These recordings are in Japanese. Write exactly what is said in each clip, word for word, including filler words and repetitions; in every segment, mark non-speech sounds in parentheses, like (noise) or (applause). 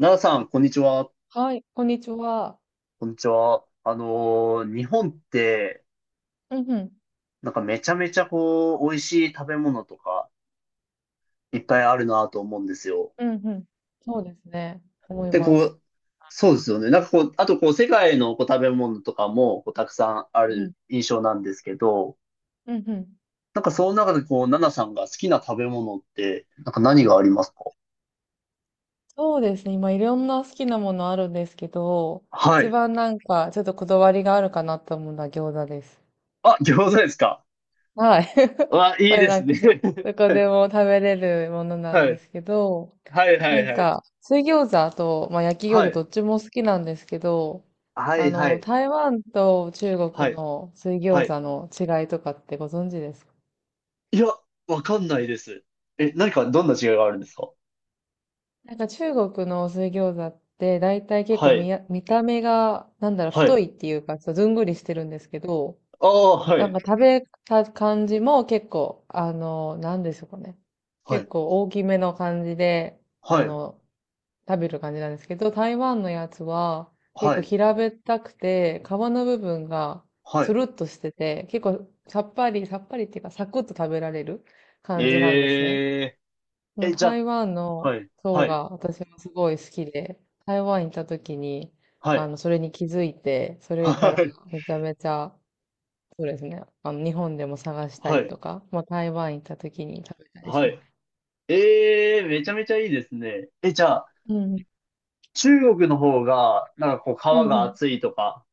奈良さん、こんにちは。はい、こんにちは。こんにちは。あのー日本って、うんうん、なんかめちゃめちゃこう、美味しい食べ物とか、いっぱいあるなと思うんですよ。うんうん。そうですね、思いで、まこす。う、そうですよね。なんかこう、あとこう、世界のこう食べ物とかも、こう、たくさんあうんうん、る印象なんですけど、うんうん。なんかその中でこう、奈々さんが好きな食べ物って、なんか何がありますか？そうですね、今いろんな好きなものあるんですけど、は一い。番なんかちょっとこだわりがあるかなと思うのは餃子です。あ、餃子ですか。はい。わ、(laughs) いこいれでなすんかね。そ、どこでも食べれるもの (laughs) なはんでい。すけど、はいはないんはいか、水餃子と、まあ、焼き餃は子どい。っちも好きなんですけど、はあい。はいはの、い。台湾と中は国い。の水は餃い。子の違いとかってご存知ですか？いや、わかんないです。え、何か、どんな違いがあるんですか？なんか中国の水餃子って大体結構は見い。や、見た目がなんだろうは太い。いっていうかちょっとずんぐりしてるんですけど、ああ、はなんい。か食べた感じも結構あの、なんでしょうかね。は結い。構大きめの感じで、あはい。の、食べる感じなんですけど、台湾のやつは結は構い。平べったくて皮の部分がはい。つるっとしてて、結構さっぱり、さっぱりっていうかサクッと食べられる感じなんですね。えそー。のえ、じゃあ、台湾のはい。層はい。が私もすごい好きで、台湾行った時に、はあい。の、それに気づいて、そはれからい。めちゃめちゃ、そうですね、あの、日本でも探したはりとい。か、まあ、台湾行った時に食べたりはしまい。す。えー、めちゃめちゃいいですね。え、じゃあ、うん、中国の方が、なんかこう、皮うん、うがん。厚いとか、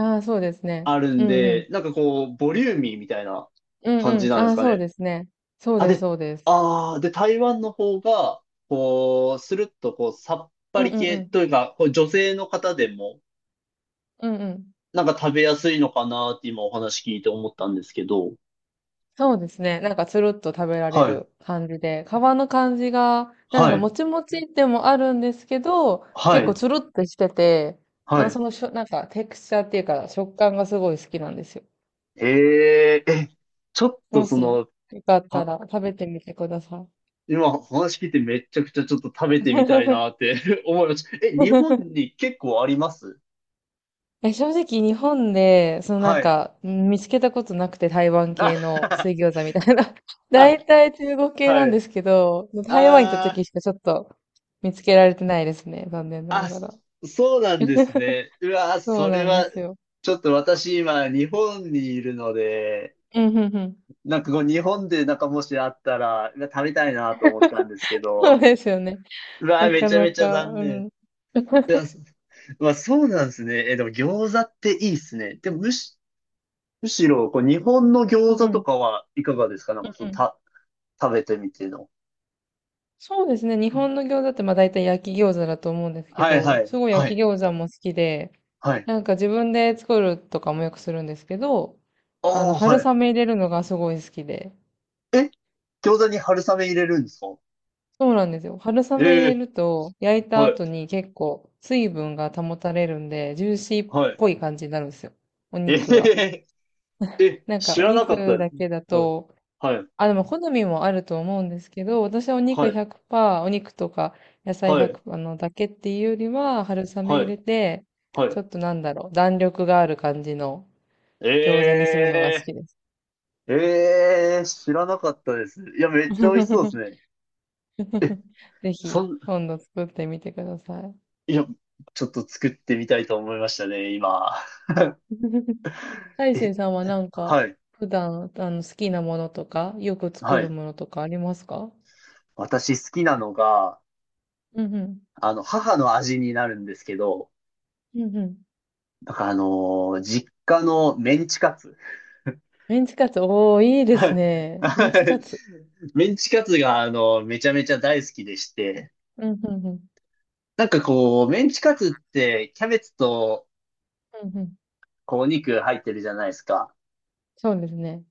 ああ、そうですね。あるうんん、うん。で、なんかこう、ボリューミーみたいなうん、感うじん。なんであすあ、かそうね。ですね。そうあ、です、で、そうです。ああ、で、台湾の方が、こう、スルッと、こう、さっぱうん、うりん、う系ん。というか、こう女性の方でも、うん、うん。なんか食べやすいのかなって今お話聞いて思ったんですけど。そうですね。なんかつるっと食べられはい、る感じで、皮の感じが、なんだはろう、い、もちもちでもあるんですけど、は結構い、つるっとしてて、あはの、そい。のしょ、なんかテクスチャーっていうか食感がすごい好きなんですよ。えええ、ちょっともそし、よの、かったはら食べてみてください。今お話聞いてめちゃくちゃちょっと食べてみたいなっ (laughs) て (laughs) 思いました。え、日本に結構あります？え、正直日本で、そのなはんい。か、うん、見つけたことなくて台湾あ、系の水餃子みたいな。(laughs) (laughs) あ、大体中国系なはんでい。すけど、台湾行ったあ時あ。しかちょっと見つけられてないですね。残念なあ、がそら。そうなんです (laughs) ね。うわ、そうそれなんでは、すよ。ちょっと私今、日本にいるので、うん、うん、うん。なんかこう、日本でなんかもしあったら、うわ食べたいなと思ったんですけそうど、ですよね。うわ、なめかちゃなめちゃか、残う念。ん。いや、そ (laughs) まあ、そうなんですね。え、でも餃子っていいっすね。でもむし、むしろ、こう、日本のう餃んう子とん。かはいかがですか？なんかそうう、ん。た、食べてみての。そうですね。日本の餃子ってまあ大体焼き餃子だと思うんですけはいはど、い、すごいは焼い、き餃子も好きで、はい。なんか自分で作るとかもよくするんですけど、ああの、あ、春は雨入れるのがすごい好きで。い。え、餃子に春雨入れるんですか？そうなんですよ。春雨入えれえると焼いたはい後に結構水分が保たれるんで、ジューシーっはい。ぽい感じになるんですよ。おえへ肉が。へえ、なんか知おらなかったで肉だすね。けだはい。と、はい。あ、でも好みもあると思うんですけど、私はおは肉い。ひゃくパーセント、お肉とか野菜はい。ひゃくパーセントあのだけっていうよりは、春雨は入い。れて、はちょい。っとなんだろう、弾力がある感じのえ餃子にするのが好きです。ー、えー、知らなかったです。いや、めっちゃ美味しそうです (laughs) ね。ぜそひ、ん、今度作ってみてください。いや、ちょっと作ってみたいと思いましたね、今。(laughs) 大え、成さんはなんか、はい。普段、あの、好きなものとか、よくは作るい。ものとかありますか？私好きなのが、うんうん。あの、母の味になるんですけど、うんうん。なんかあのー実家のメンチカツ。メンチカツ、おー、いいではすい。ね。メはンチいカツ。メンチカツが、あの、めちゃめちゃ大好きでして、うんうんうん。なんかこう、メンチカツってキャベツとうんうん。こうお肉入ってるじゃないですか。そうですね。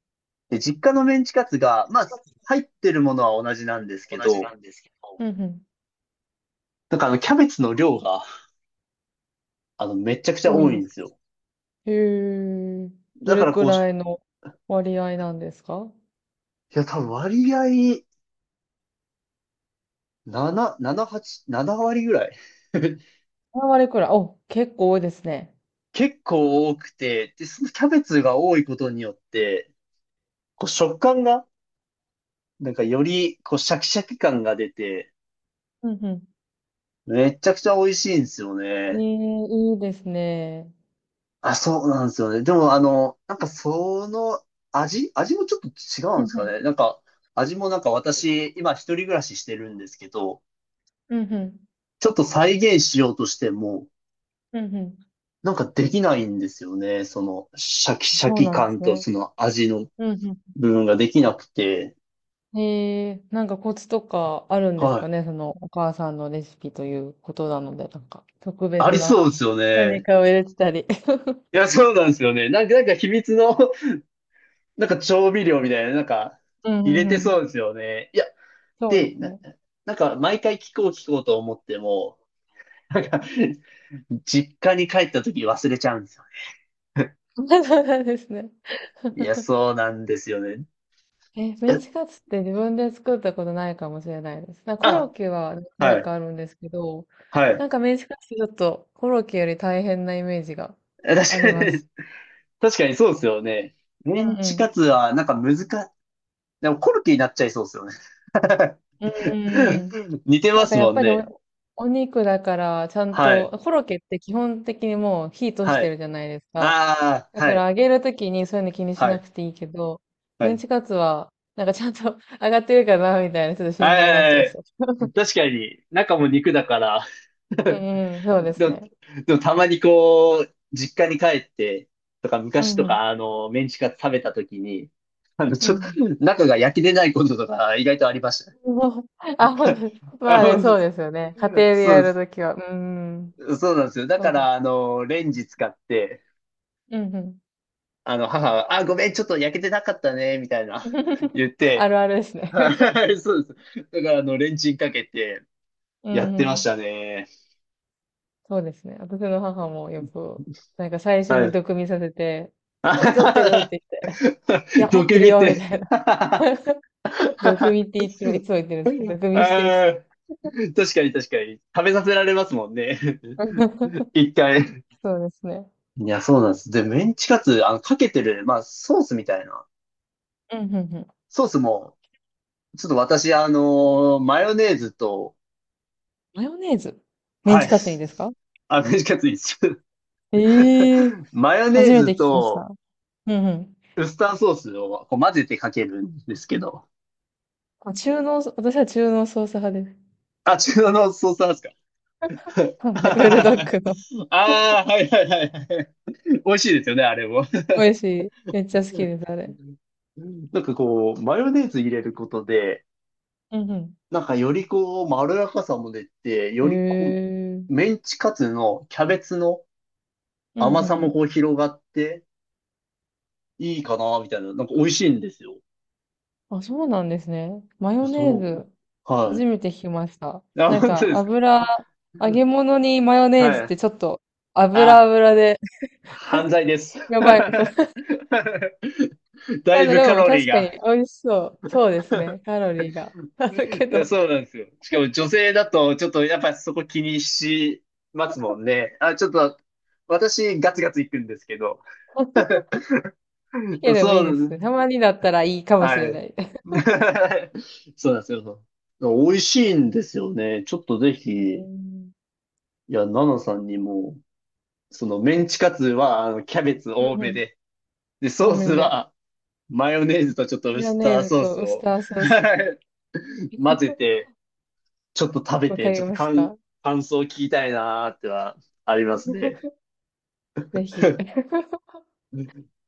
で、実家のメンチカツが、まあ、入ってるものは同じなんですけど、うんうん。なんかあの、キャベツの量が、あの、めちゃくちゃ多い多んいでんです、すよ。へえ。どだかれらくこう、いらいの割合なんですか や、多分割合、なな、なな、はち、なな割ぐらい。(laughs) ?さん 割くらい。お、結構多いですね。結構多くて、で、そのキャベツが多いことによって、こう、食感が、なんかより、こう、シャキシャキ感が出て、うんうめちゃくちゃ美味しいんですよん。ねね。え、いいですね。あ、そうなんですよね。でも、あの、なんかその味、味もちょっと違ううんんでうすかね。ん。なんか、味もなんか私、今一人暮らししてるんですけど、うんうん。ちょっと再現しようとしても、うんうなんかできないんですよね。その、シャキん。シャそうキなんで感すとね。その味のうんう部分ができなくて。ん。へえ、なんかコツとかあるんですはかね？い。そのお母さんのレシピということなので、なんか特あり別そうな ですよ (laughs) 何ね。かを入れてたり。(laughs) いや、そうなんですよね。なんか、なんか秘密の、(laughs) なんか調味料みたいな、なんか、うんう入れんうてん。そうですよね。いや、そうでで、すなね。なんか、毎回聞こう聞こうと思っても、なんか、実家に帰った時忘れちゃうんですよね。(laughs) そうなんですね。いや、そうなんですよね。え、メンえチカツって自分で作ったことないかもしれないです。なんかコロッあ、ケは何は回い、かあるんですけど、はい。なんかメンチカツってちょっとコロッケより大変なイメージがあ確りかまに、す。確かにそうですよね。メうンチカん。ツは、なんか難し、でもコルキになっちゃいそうですよね。うんうんうん。(laughs) 似てなまんかすやもっんぱりね。お、お肉だからちゃんはい、と、コロッケって基本的にもう火通しはてい。るじゃないですか。ああ、だはからい、揚げるときにそういうの気にしはない、くていいけど、はメンい。チカツはなんかちゃんと (laughs) 揚がってるかなみたいなちょっと心は配い、になっはいちゃはいいそう。(laughs) 確かに、中も肉だから う (laughs) んうん、そうですでも、ね。でもたまにこう、実家に帰ってとか、う昔んうとん。か、あの、メンチカツ食べた時に、あの、うちょっと、ん。中が焼き出ないこととか、意外とありましもう、あ、ほんた。と、 (laughs) まあ、あほね、んとそうですよね。家庭でそうやでるす。ときは。うーん。そうなんですよ。だそかうです。ら、あの、レンジ使って、うんうん。あの、母は、あ、ごめん、ちょっと焼けてなかったね、みたいな、(laughs) 言っあて、るあるですね。は (laughs) い、そうです。だから、あの、レンチンかけて、うやっんてうましん。たね。そうですね。私の母もよく、なんか最初はにい。毒味させて、火取ってるって言って、いや、(laughs) 入どってける見よみて。たいな。(laughs) (laughs) 毒味っていつも、いつも言ってるんですけど、毒味してっつって。ああ、確かに確かに。食べさせられますもんね。(laughs) (laughs) 一回。そうですね。いや、そうなんです。で、メンチカツ、あの、かけてる、まあ、ソースみたいな。うんうんうん。ソースも、ちょっと私、あのーマヨネーズと、マヨネーズ、メンはチい。カツにです (laughs) か？あ、メンチカツ一緒。ええー、(laughs) マヨネ初ーめてズ聞きました。と、うんうん。ウスターソースをこう混ぜてかけるんですけど。あ、中濃、私は中濃ソース派です。あ、中央のソースなんですか？ (laughs) は (laughs) い、ブルドあッグの。あはいはいはいはい。美味しいですよね、あれも。美味しい。めっちゃ好うきです、あれ。んなんかこう、マヨネーズ入れることで、うんうなんかよりこう、まろやかさも出て、よん。へりこえ。う、メンチカツのキャベツのうんう甘んうさもん。こう広がって、いいかな、みたいな。なんか美味しいんですよ。あ、そうなんですね。マヨネーそう。ズ、は初めて聞きました。い。あ、なん本当か、ですか。油、揚げ物にマヨネーズっはい。てちょっと、油あ、油で 犯罪で (laughs)、す。やばい。(laughs) (laughs) だないんだ、ぶでカもロリー確かが。に美味しそう。そうですね。カロリーが (laughs) あるけいや、そど。うなんですよ。しかも女性だと、ちょっとやっぱそこ気にしますもんね。あ、ちょっと、私ガツガツ行くんですけど。いや、(laughs) でもいいそでう、すね。たまにだったらいいかもしはれない。い。(laughs) (laughs) そうなんですよ。美味しいんですよね。ちょっとぜひ、ういん。や、ナナさんにも、そのメンチカツは、あの、キャベツう多んうめん。で、で、ソおーめスで。は、マヨネーズとちょっとマウヨスネターーズソーとスウスを ターソース。(laughs) 混ぜ (laughs) て、ちょっと食べわかて、ちりょっとまし感、た。感想を聞きたいなーってはありますね。(laughs) ぜひ。(laughs) (laughs)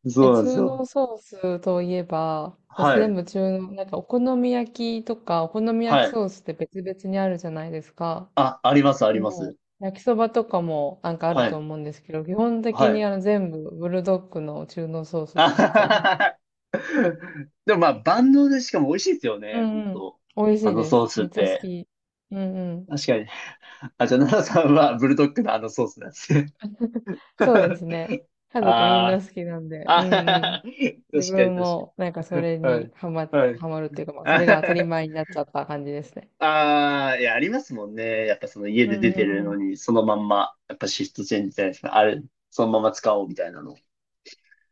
そえ、うなんです中よ。濃ソースといえば、私は全い。部中濃、なんかお好み焼きとか、お好みは焼きい。ソースって別々にあるじゃないですか。あ、あります、あでります。も、焼きそばとかもなんかあるはとい。思うんですけど、基本は的にい。あの全部ブルドッグの中濃ソー (laughs) スあは使っちゃはいます。ははでもまあ、万能でしかも美味しいですようね、本んうん。当美味あしいのでソーす。スっめっちゃ好て。き。うんうん。確かに。あ、じゃあ、奈々さんはブルドッグのあのソースなんですね。そうです (laughs) ね。家族みんあなー好きなんで、あはうんはうん。は、(laughs) 自確かに確分かもなんかそに。れはにい。ハマ、はい。ハマるっていうか、まあそあれはが当たりは前になっちゃった感じですね。ああ、いや、ありますもんね。やっぱその家うんでう出てんるうのん。に、そのまんま、やっぱシフトチェンジじゃないですか。あれ、そのまま使おうみたいなの。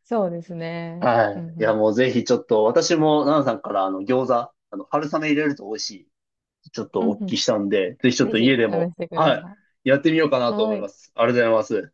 そうですね。はうんい。ういや、ん。もうぜひちょっと、私も、ナナさんからあの、餃子、あの、春雨入れると美味しい。ちょっうとんお聞うきん。したんで、ぜひちょっぜひと家で試も、してくだはい、さやってみようかい。なと思はいい。ます。ありがとうございます。